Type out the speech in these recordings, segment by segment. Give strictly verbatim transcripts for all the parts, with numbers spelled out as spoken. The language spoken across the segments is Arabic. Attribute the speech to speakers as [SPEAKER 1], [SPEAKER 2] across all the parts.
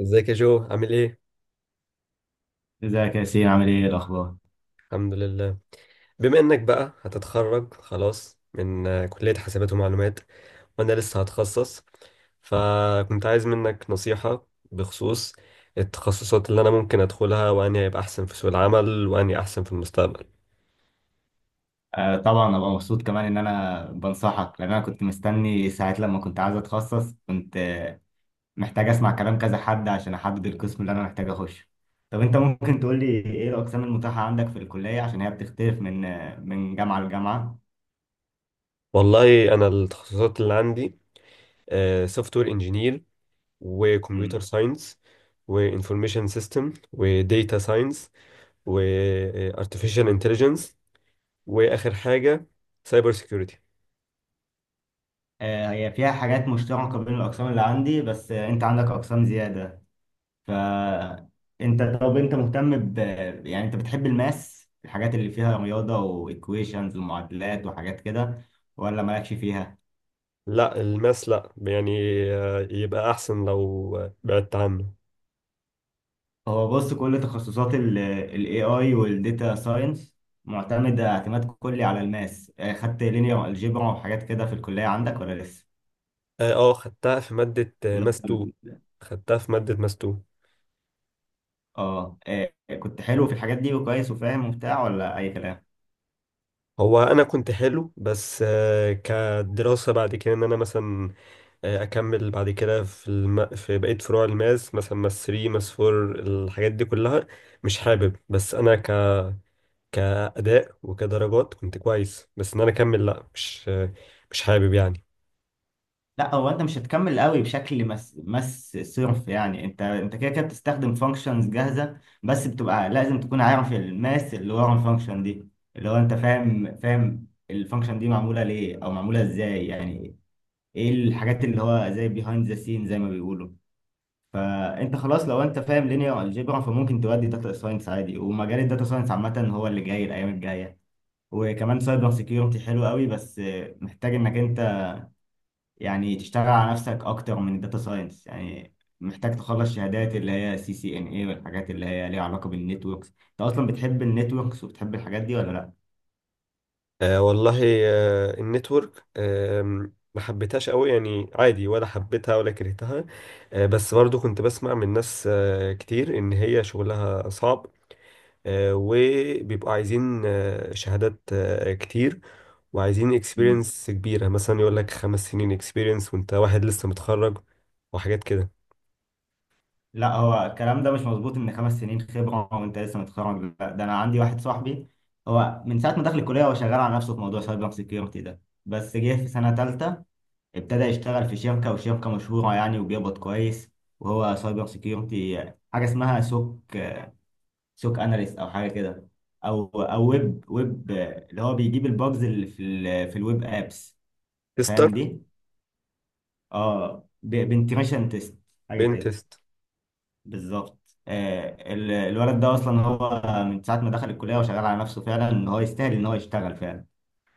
[SPEAKER 1] ازيك يا جو عامل ايه؟
[SPEAKER 2] ازيك يا ياسين؟ عامل ايه الاخبار؟
[SPEAKER 1] الحمد لله. بما انك بقى هتتخرج خلاص من آه، كلية حاسبات ومعلومات، وانا لسه هتخصص، فكنت عايز منك نصيحة بخصوص التخصصات اللي انا ممكن ادخلها، واني هيبقى احسن في سوق العمل، واني احسن في المستقبل.
[SPEAKER 2] آه، طبعا ابقى مبسوط كمان ان انا بنصحك، لان انا كنت مستني ساعات لما كنت عايز اتخصص. كنت آه، محتاج اسمع كلام كذا حد عشان احدد القسم اللي انا محتاج اخش. طب انت ممكن تقول لي ايه الاقسام المتاحه عندك في الكليه؟ عشان هي بتختلف من آه، من جامعه لجامعه.
[SPEAKER 1] والله انا التخصصات اللي عندي سوفت وير انجينير، وكمبيوتر
[SPEAKER 2] امم.
[SPEAKER 1] ساينس، وانفورميشن سيستم، وديتا ساينس، وارتفيشال انتليجنس، واخر حاجة سايبر سيكيورتي.
[SPEAKER 2] آه هي فيها حاجات مشتركه بين الاقسام اللي عندي، بس آه، انت عندك اقسام زياده. فانت طب انت مهتم ب، يعني انت بتحب الماس، الحاجات اللي فيها رياضه وايكويشنز ومعادلات وحاجات كده، ولا مالكش فيها؟
[SPEAKER 1] لا الماس لا يعني، آه، يبقى احسن لو آه، بعدت عنه.
[SPEAKER 2] هو بص، كل تخصصات الاي اي والديتا ساينس معتمده اعتماد كلي على الماس. آه، خدت لينير الجبرا وحاجات كده في الكليه عندك، ولا لسه؟
[SPEAKER 1] اه، آه، خدتها في مادة آه،
[SPEAKER 2] اللي
[SPEAKER 1] ماس اتنين.
[SPEAKER 2] هو-
[SPEAKER 1] خدتها في مادة ماس اتنين.
[SPEAKER 2] اه آه، كنت حلو في الحاجات دي وكويس وفاهم وبتاع، ولا اي كلام؟
[SPEAKER 1] هو انا كنت حلو، بس آه، كدراسة بعد كده ان انا مثلا آه، اكمل بعد كده في الم... في بقية فروع الماس، مثلا ماس تلاتة ماس اربعة، الحاجات دي كلها مش حابب. بس انا ك... كأداء وكدرجات كنت كويس، بس ان انا اكمل لا، مش آه، مش حابب يعني.
[SPEAKER 2] لا، هو انت مش هتكمل قوي بشكل مس مس صرف. يعني انت انت كده كده بتستخدم فانكشنز جاهزه، بس بتبقى لازم تكون عارف الماس اللي ورا الفانكشن دي. اللي هو انت فاهم فاهم الفانكشن دي معموله ليه او معموله ازاي، يعني ايه الحاجات اللي هو زي بيهايند ذا سين زي ما بيقولوا. فانت خلاص، لو انت فاهم لينير الجبرا، فممكن تودي داتا ساينس عادي. ومجال الداتا ساينس عامه هو اللي جاي الايام الجايه. وكمان سايبر سيكيورتي حلو قوي، بس محتاج انك يعني تشتغل على نفسك اكتر من الداتا ساينس يعني. محتاج تخلص شهادات اللي هي سي سي ان اي، والحاجات اللي هي ليها علاقة بالنتوركس. انت اصلا بتحب النتوركس وبتحب الحاجات دي ولا لا؟
[SPEAKER 1] آه والله. آه النتورك آه ما حبيتهاش قوي يعني، عادي، ولا حبيتها ولا كرهتها. آه بس برضو كنت بسمع من ناس آه كتير ان هي شغلها صعب، آه وبيبقوا عايزين آه شهادات آه كتير، وعايزين
[SPEAKER 2] مم.
[SPEAKER 1] اكسبيرينس كبيرة، مثلا يقول لك خمس سنين اكسبيرينس وانت واحد لسه متخرج، وحاجات كده.
[SPEAKER 2] لا، هو الكلام ده مش مظبوط، ان خمس سنين خبرة وانت لسه متخرج، لا. ده انا عندي واحد صاحبي، هو من ساعة ما دخل الكلية هو شغال على نفسه في موضوع سايبر سيكيورتي ده. بس جه في سنة تالتة، ابتدى يشتغل في شركة، وشركة مشهورة يعني، وبيقبض كويس. وهو سايبر سيكيورتي حاجة اسمها سوك، سوك اناليست او حاجه كده. او او ويب ويب اللي هو بيجيب الباجز اللي في ال في الويب ابس.
[SPEAKER 1] تستر.
[SPEAKER 2] فاهم دي؟ اه بنتيميشن تيست حاجه كده.
[SPEAKER 1] بنتست.
[SPEAKER 2] بالظبط. آه ال- الولد ده اصلا هو من ساعه ما دخل الكليه وشغال على نفسه، فعلا ان هو يستاهل ان هو يشتغل فعلا.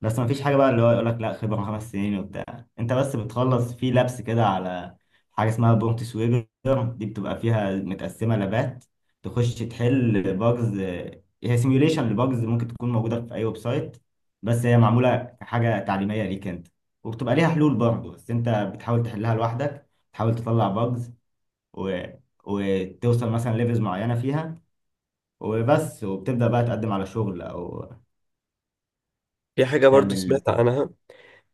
[SPEAKER 2] بس ما فيش حاجة بقى اللي هو يقول لك لا خبرة خمس سنين وبتاع. انت بس بتخلص في لابس كده على حاجة اسمها برومبت سويبر. دي بتبقى فيها متقسمة لابات. تخش تحل باجز. هي سيميوليشن لباجز ممكن تكون موجودة في أي ويب سايت، بس هي معمولة حاجة تعليمية ليك انت. وبتبقى ليها حلول برضه، بس انت بتحاول تحلها لوحدك. تحاول تطلع باجز و... وتوصل مثلا ليفلز معينة فيها. وبس، وبتبدأ بقى تقدم على شغل أو
[SPEAKER 1] في حاجة برضو
[SPEAKER 2] تعمل.
[SPEAKER 1] سمعت عنها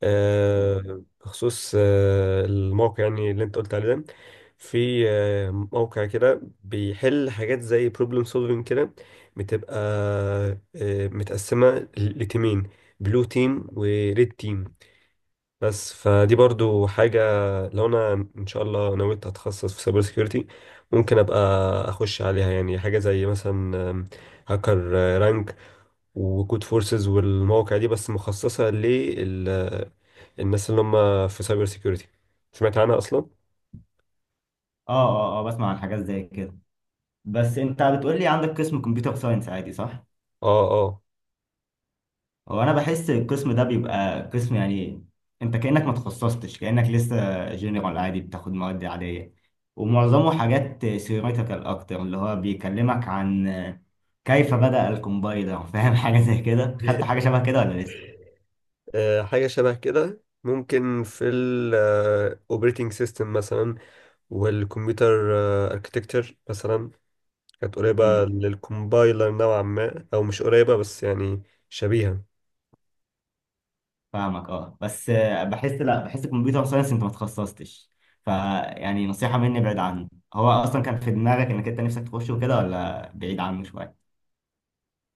[SPEAKER 1] آه، بخصوص آه، الموقع يعني اللي انت قلت عليه ده، في آه، موقع كده بيحل حاجات زي بروبلم سولفينج كده، بتبقى آه، متقسمة ل- لتيمين، بلو تيم وريد تيم. بس فدي برضو حاجة، لو انا ان شاء الله نويت اتخصص في سايبر سيكيورتي، ممكن ابقى اخش عليها، يعني حاجة زي مثلا هاكر رانك وكود فورسز والمواقع دي، بس مخصصة للناس اللي هم في سايبر سيكيورتي. سمعت عنها أصلا؟
[SPEAKER 2] اه، اه، اه، بسمع عن حاجات زي كده. بس انت بتقول لي عندك قسم كمبيوتر ساينس عادي، صح؟
[SPEAKER 1] اه، اه.
[SPEAKER 2] هو انا بحس القسم ده بيبقى قسم يعني انت كأنك ما تخصصتش، كأنك لسه جنرال عادي، بتاخد مواد عادية، ومعظمه حاجات ثيوريتيكال اكتر، اللي هو بيكلمك عن كيف بدأ الكومبايلر، فاهم حاجة زي كده؟ خدت حاجة شبه كده ولا لسه؟
[SPEAKER 1] آه، حاجة شبه كده، ممكن في الاوبريتنج سيستم مثلا، والكمبيوتر اركتكتشر مثلا، كانت قريبة للكومبايلر نوعا ما، أو مش قريبة بس يعني شبيهة.
[SPEAKER 2] فاهمك. اه، بس آه، بحس، لا، بحس الكمبيوتر ساينس انت ما تخصصتش. فيعني نصيحة مني ابعد عنه. هو اصلا كان في دماغك انك انت نفسك تخشه وكده، ولا بعيد عنه شوية؟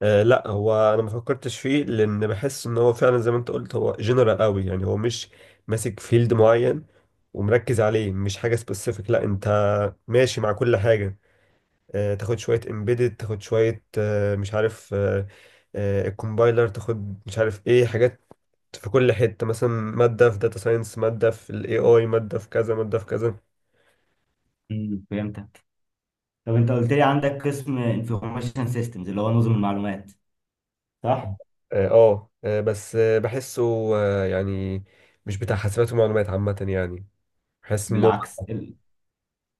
[SPEAKER 1] آه لا هو انا ما فكرتش فيه، لان بحس ان هو فعلا زي ما انت قلت هو جنرال قوي يعني، هو مش ماسك فيلد معين ومركز عليه، مش حاجه سبيسيفيك، لا انت ماشي مع كل حاجه، آه تاخد شويه امبيدد، تاخد شويه آه مش عارف، آه آه الكومبايلر، تاخد مش عارف ايه حاجات في كل حته، مثلا ماده في داتا ساينس، ماده في الاي اي، ماده في كذا، ماده في كذا.
[SPEAKER 2] امم. فهمتك. طب انت قلت لي عندك قسم انفورميشن سيستمز اللي هو نظم المعلومات، صح؟
[SPEAKER 1] اه، آه آه، بس آه بحسه آه يعني مش بتاع حاسبات ومعلومات عامه يعني، بحس ان هو...
[SPEAKER 2] بالعكس، ال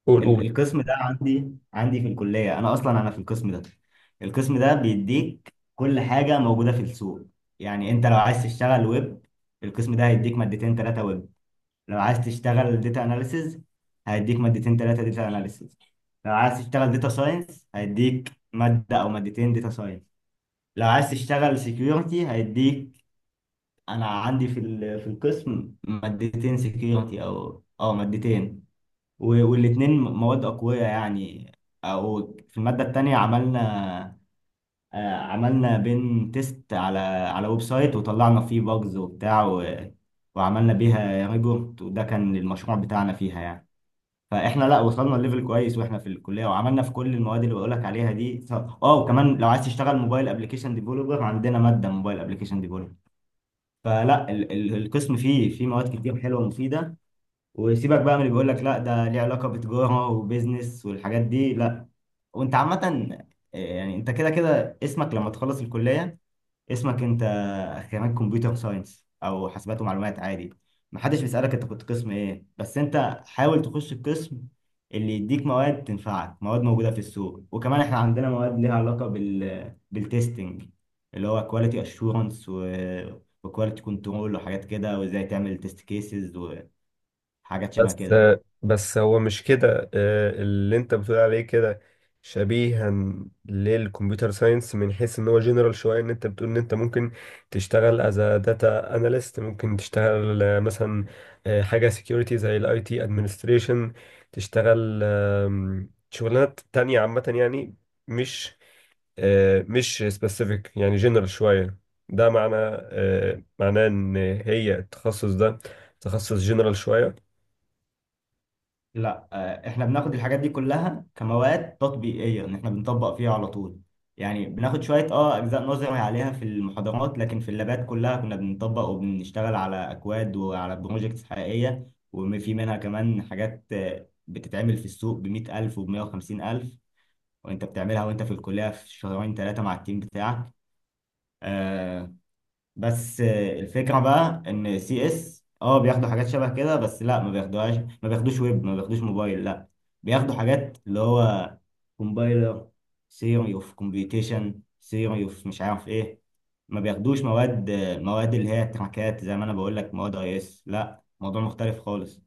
[SPEAKER 1] قول قول.
[SPEAKER 2] ال القسم ده عندي، عندي في الكلية. انا اصلا انا في القسم ده. القسم ده بيديك كل حاجة موجودة في السوق. يعني انت لو عايز تشتغل ويب، القسم ده هيديك مادتين ثلاثة ويب. لو عايز تشتغل داتا اناليسز، هيديك مادتين ثلاثه داتا اناليسز. لو عايز تشتغل داتا ساينس، هيديك ماده او مادتين داتا ساينس. لو عايز تشتغل سيكيورتي، هيديك، انا عندي في ال- في القسم مادتين سيكيورتي، او اه مادتين. والاثنين مواد اقوياء يعني. او في الماده الثانيه عملنا آه، عملنا بين تيست على على ويب سايت، وطلعنا فيه باجز وبتاع و- وعملنا بيها ريبورت. وده كان المشروع بتاعنا فيها يعني. فاحنا، لا، وصلنا لليفل كويس واحنا في الكليه، وعملنا في كل المواد اللي بقولك عليها دي، ف- اه وكمان لو عايز تشتغل موبايل ابلكيشن ديفلوبر، عندنا ماده موبايل ابلكيشن ديفلوبر. فلا، ال ال القسم فيه فيه مواد كتير حلوه ومفيده. وسيبك بقى من اللي بيقولك لا ده ليه علاقه بتجاره وبيزنس والحاجات دي، لا. وانت عامه آه، يعني انت كده كده اسمك لما تخلص الكليه، اسمك انت خريج كمبيوتر ساينس او حاسبات ومعلومات عادي. محدش بيسألك انت كنت قسم ايه. بس انت حاول تخش القسم اللي يديك مواد تنفعك، مواد موجودة في السوق. وكمان احنا عندنا مواد ليها علاقة بال بالتستنج، اللي هو كواليتي اشورنس وكواليتي كنترول وحاجات كده، وازاي تعمل تيست كيسز وحاجات شبه
[SPEAKER 1] بس
[SPEAKER 2] كده.
[SPEAKER 1] بس هو مش كده، آه، اللي انت بتقول عليه كده شبيها للكمبيوتر ساينس، من حيث ان هو جنرال شويه، ان انت بتقول ان انت ممكن تشتغل از داتا اناليست، ممكن تشتغل آه، مثلا آه، حاجه سكيورتي زي الاي تي ادمنستريشن، تشتغل آم، شغلانات تانية عامه يعني، مش آه، مش سبيسيفيك يعني جنرال شويه. ده معنى آه، معناه ان هي التخصص ده تخصص جنرال شويه.
[SPEAKER 2] لا، آه، احنا بناخد الحاجات دي كلها كمواد تطبيقيه، ان احنا بنطبق فيها على طول. يعني بناخد شويه اه اجزاء نظري عليها في المحاضرات، لكن في اللابات كلها كنا بنطبق وبنشتغل على اكواد وعلى بروجكتس حقيقيه. وفي منها كمان حاجات آه، بتتعمل في السوق ب مئة ألف وب مية وخمسين ألف. وانت بتعملها وانت في الكليه في شهرين ثلاثه مع التيم بتاعك. آه، بس آه، الفكرة بقى ان سي اس اه بياخدوا حاجات شبه كده، بس لا ما بياخدوهاش. ما بياخدوش ويب، ما بياخدوش موبايل، لا. بياخدوا حاجات اللي هو كومبايلر، ثيوري اوف كومبيوتيشن، ثيوري اوف مش عارف ايه. ما بياخدوش مواد آه، مواد اللي هي تراكات زي ما انا بقول لك، مواد اي اس. لا، موضوع مختلف خالص.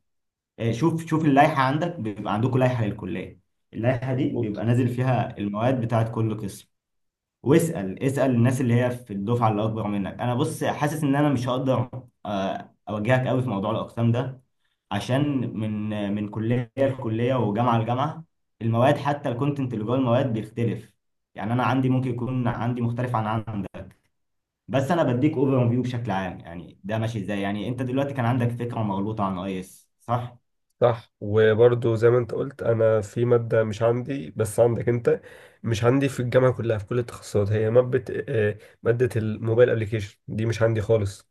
[SPEAKER 2] آه، شوف شوف اللائحة عندك، بيبقى عندكم لائحة للكلية. اللائحة دي بيبقى نازل فيها المواد بتاعت كل قسم. واسأل اسأل الناس اللي هي في الدفعة اللي أكبر منك. أنا بص حاسس إن أنا مش هقدر آه، أوجهك قوي في موضوع الأقسام ده، عشان من من كلية لكلية وجامعة لجامعة، المواد حتى الكونتنت اللي جوه المواد بيختلف. يعني أنا عندي ممكن يكون عندي مختلف عن عندك. بس أنا بديك أوفر فيو بشكل عام، يعني ده ماشي إزاي. يعني أنت دلوقتي كان عندك فكرة مغلوطة عن أي إس، صح؟
[SPEAKER 1] صح. وبرضه زي ما انت قلت، انا في ماده مش عندي بس عندك انت، مش عندي في الجامعه كلها في كل التخصصات، هي ماده آه، ماده الموبايل ابلكيشن دي مش عندي خالص.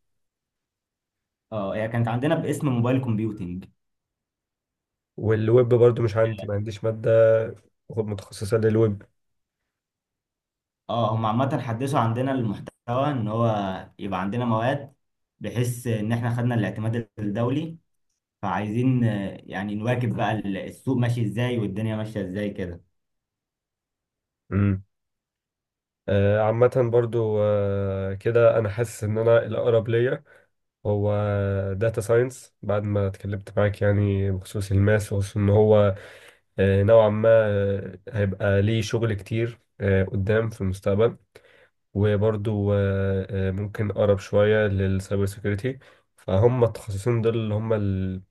[SPEAKER 2] اه، هي كانت عندنا باسم موبايل كومبيوتنج.
[SPEAKER 1] والويب برضه مش عندي، ما عنديش ماده متخصصه للويب.
[SPEAKER 2] اه، هم عامة حدثوا عندنا المحتوى، ان هو يبقى عندنا مواد بحيث ان احنا خدنا الاعتماد الدولي. فعايزين آه، يعني نواكب بقى ال- السوق ماشي ازاي والدنيا ماشية ازاي كده.
[SPEAKER 1] امم. آه، عامه برضه آه، كده انا حاسس ان انا الاقرب ليا هو داتا ساينس، بعد ما اتكلمت معاك يعني، بخصوص الماس، وخصوص ان هو آه، نوعا ما آه، هيبقى ليه شغل كتير آه، قدام في المستقبل، وبرضو آه، آه، ممكن اقرب شويه للسايبر سيكيورتي، فهم التخصصين دول اللي هم ال-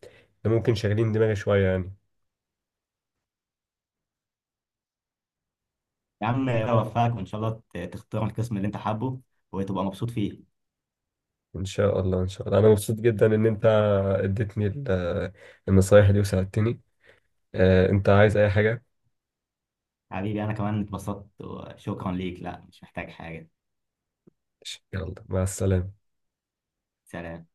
[SPEAKER 1] اللي ممكن شاغلين دماغي شويه يعني.
[SPEAKER 2] يا عم، اوفقك وان شاء الله ت- تختار القسم اللي انت حابه وتبقى مبسوط فيه.
[SPEAKER 1] ان شاء الله ان شاء الله، انا مبسوط جدا ان انت اديتني ال- النصايح دي وساعدتني. آه، انت عايز اي حاجه؟
[SPEAKER 2] حبيبي، انا كمان اتبسطت وشكرا ليك. لا، مش محتاج حاجة.
[SPEAKER 1] يلا مع السلامه.
[SPEAKER 2] سلام.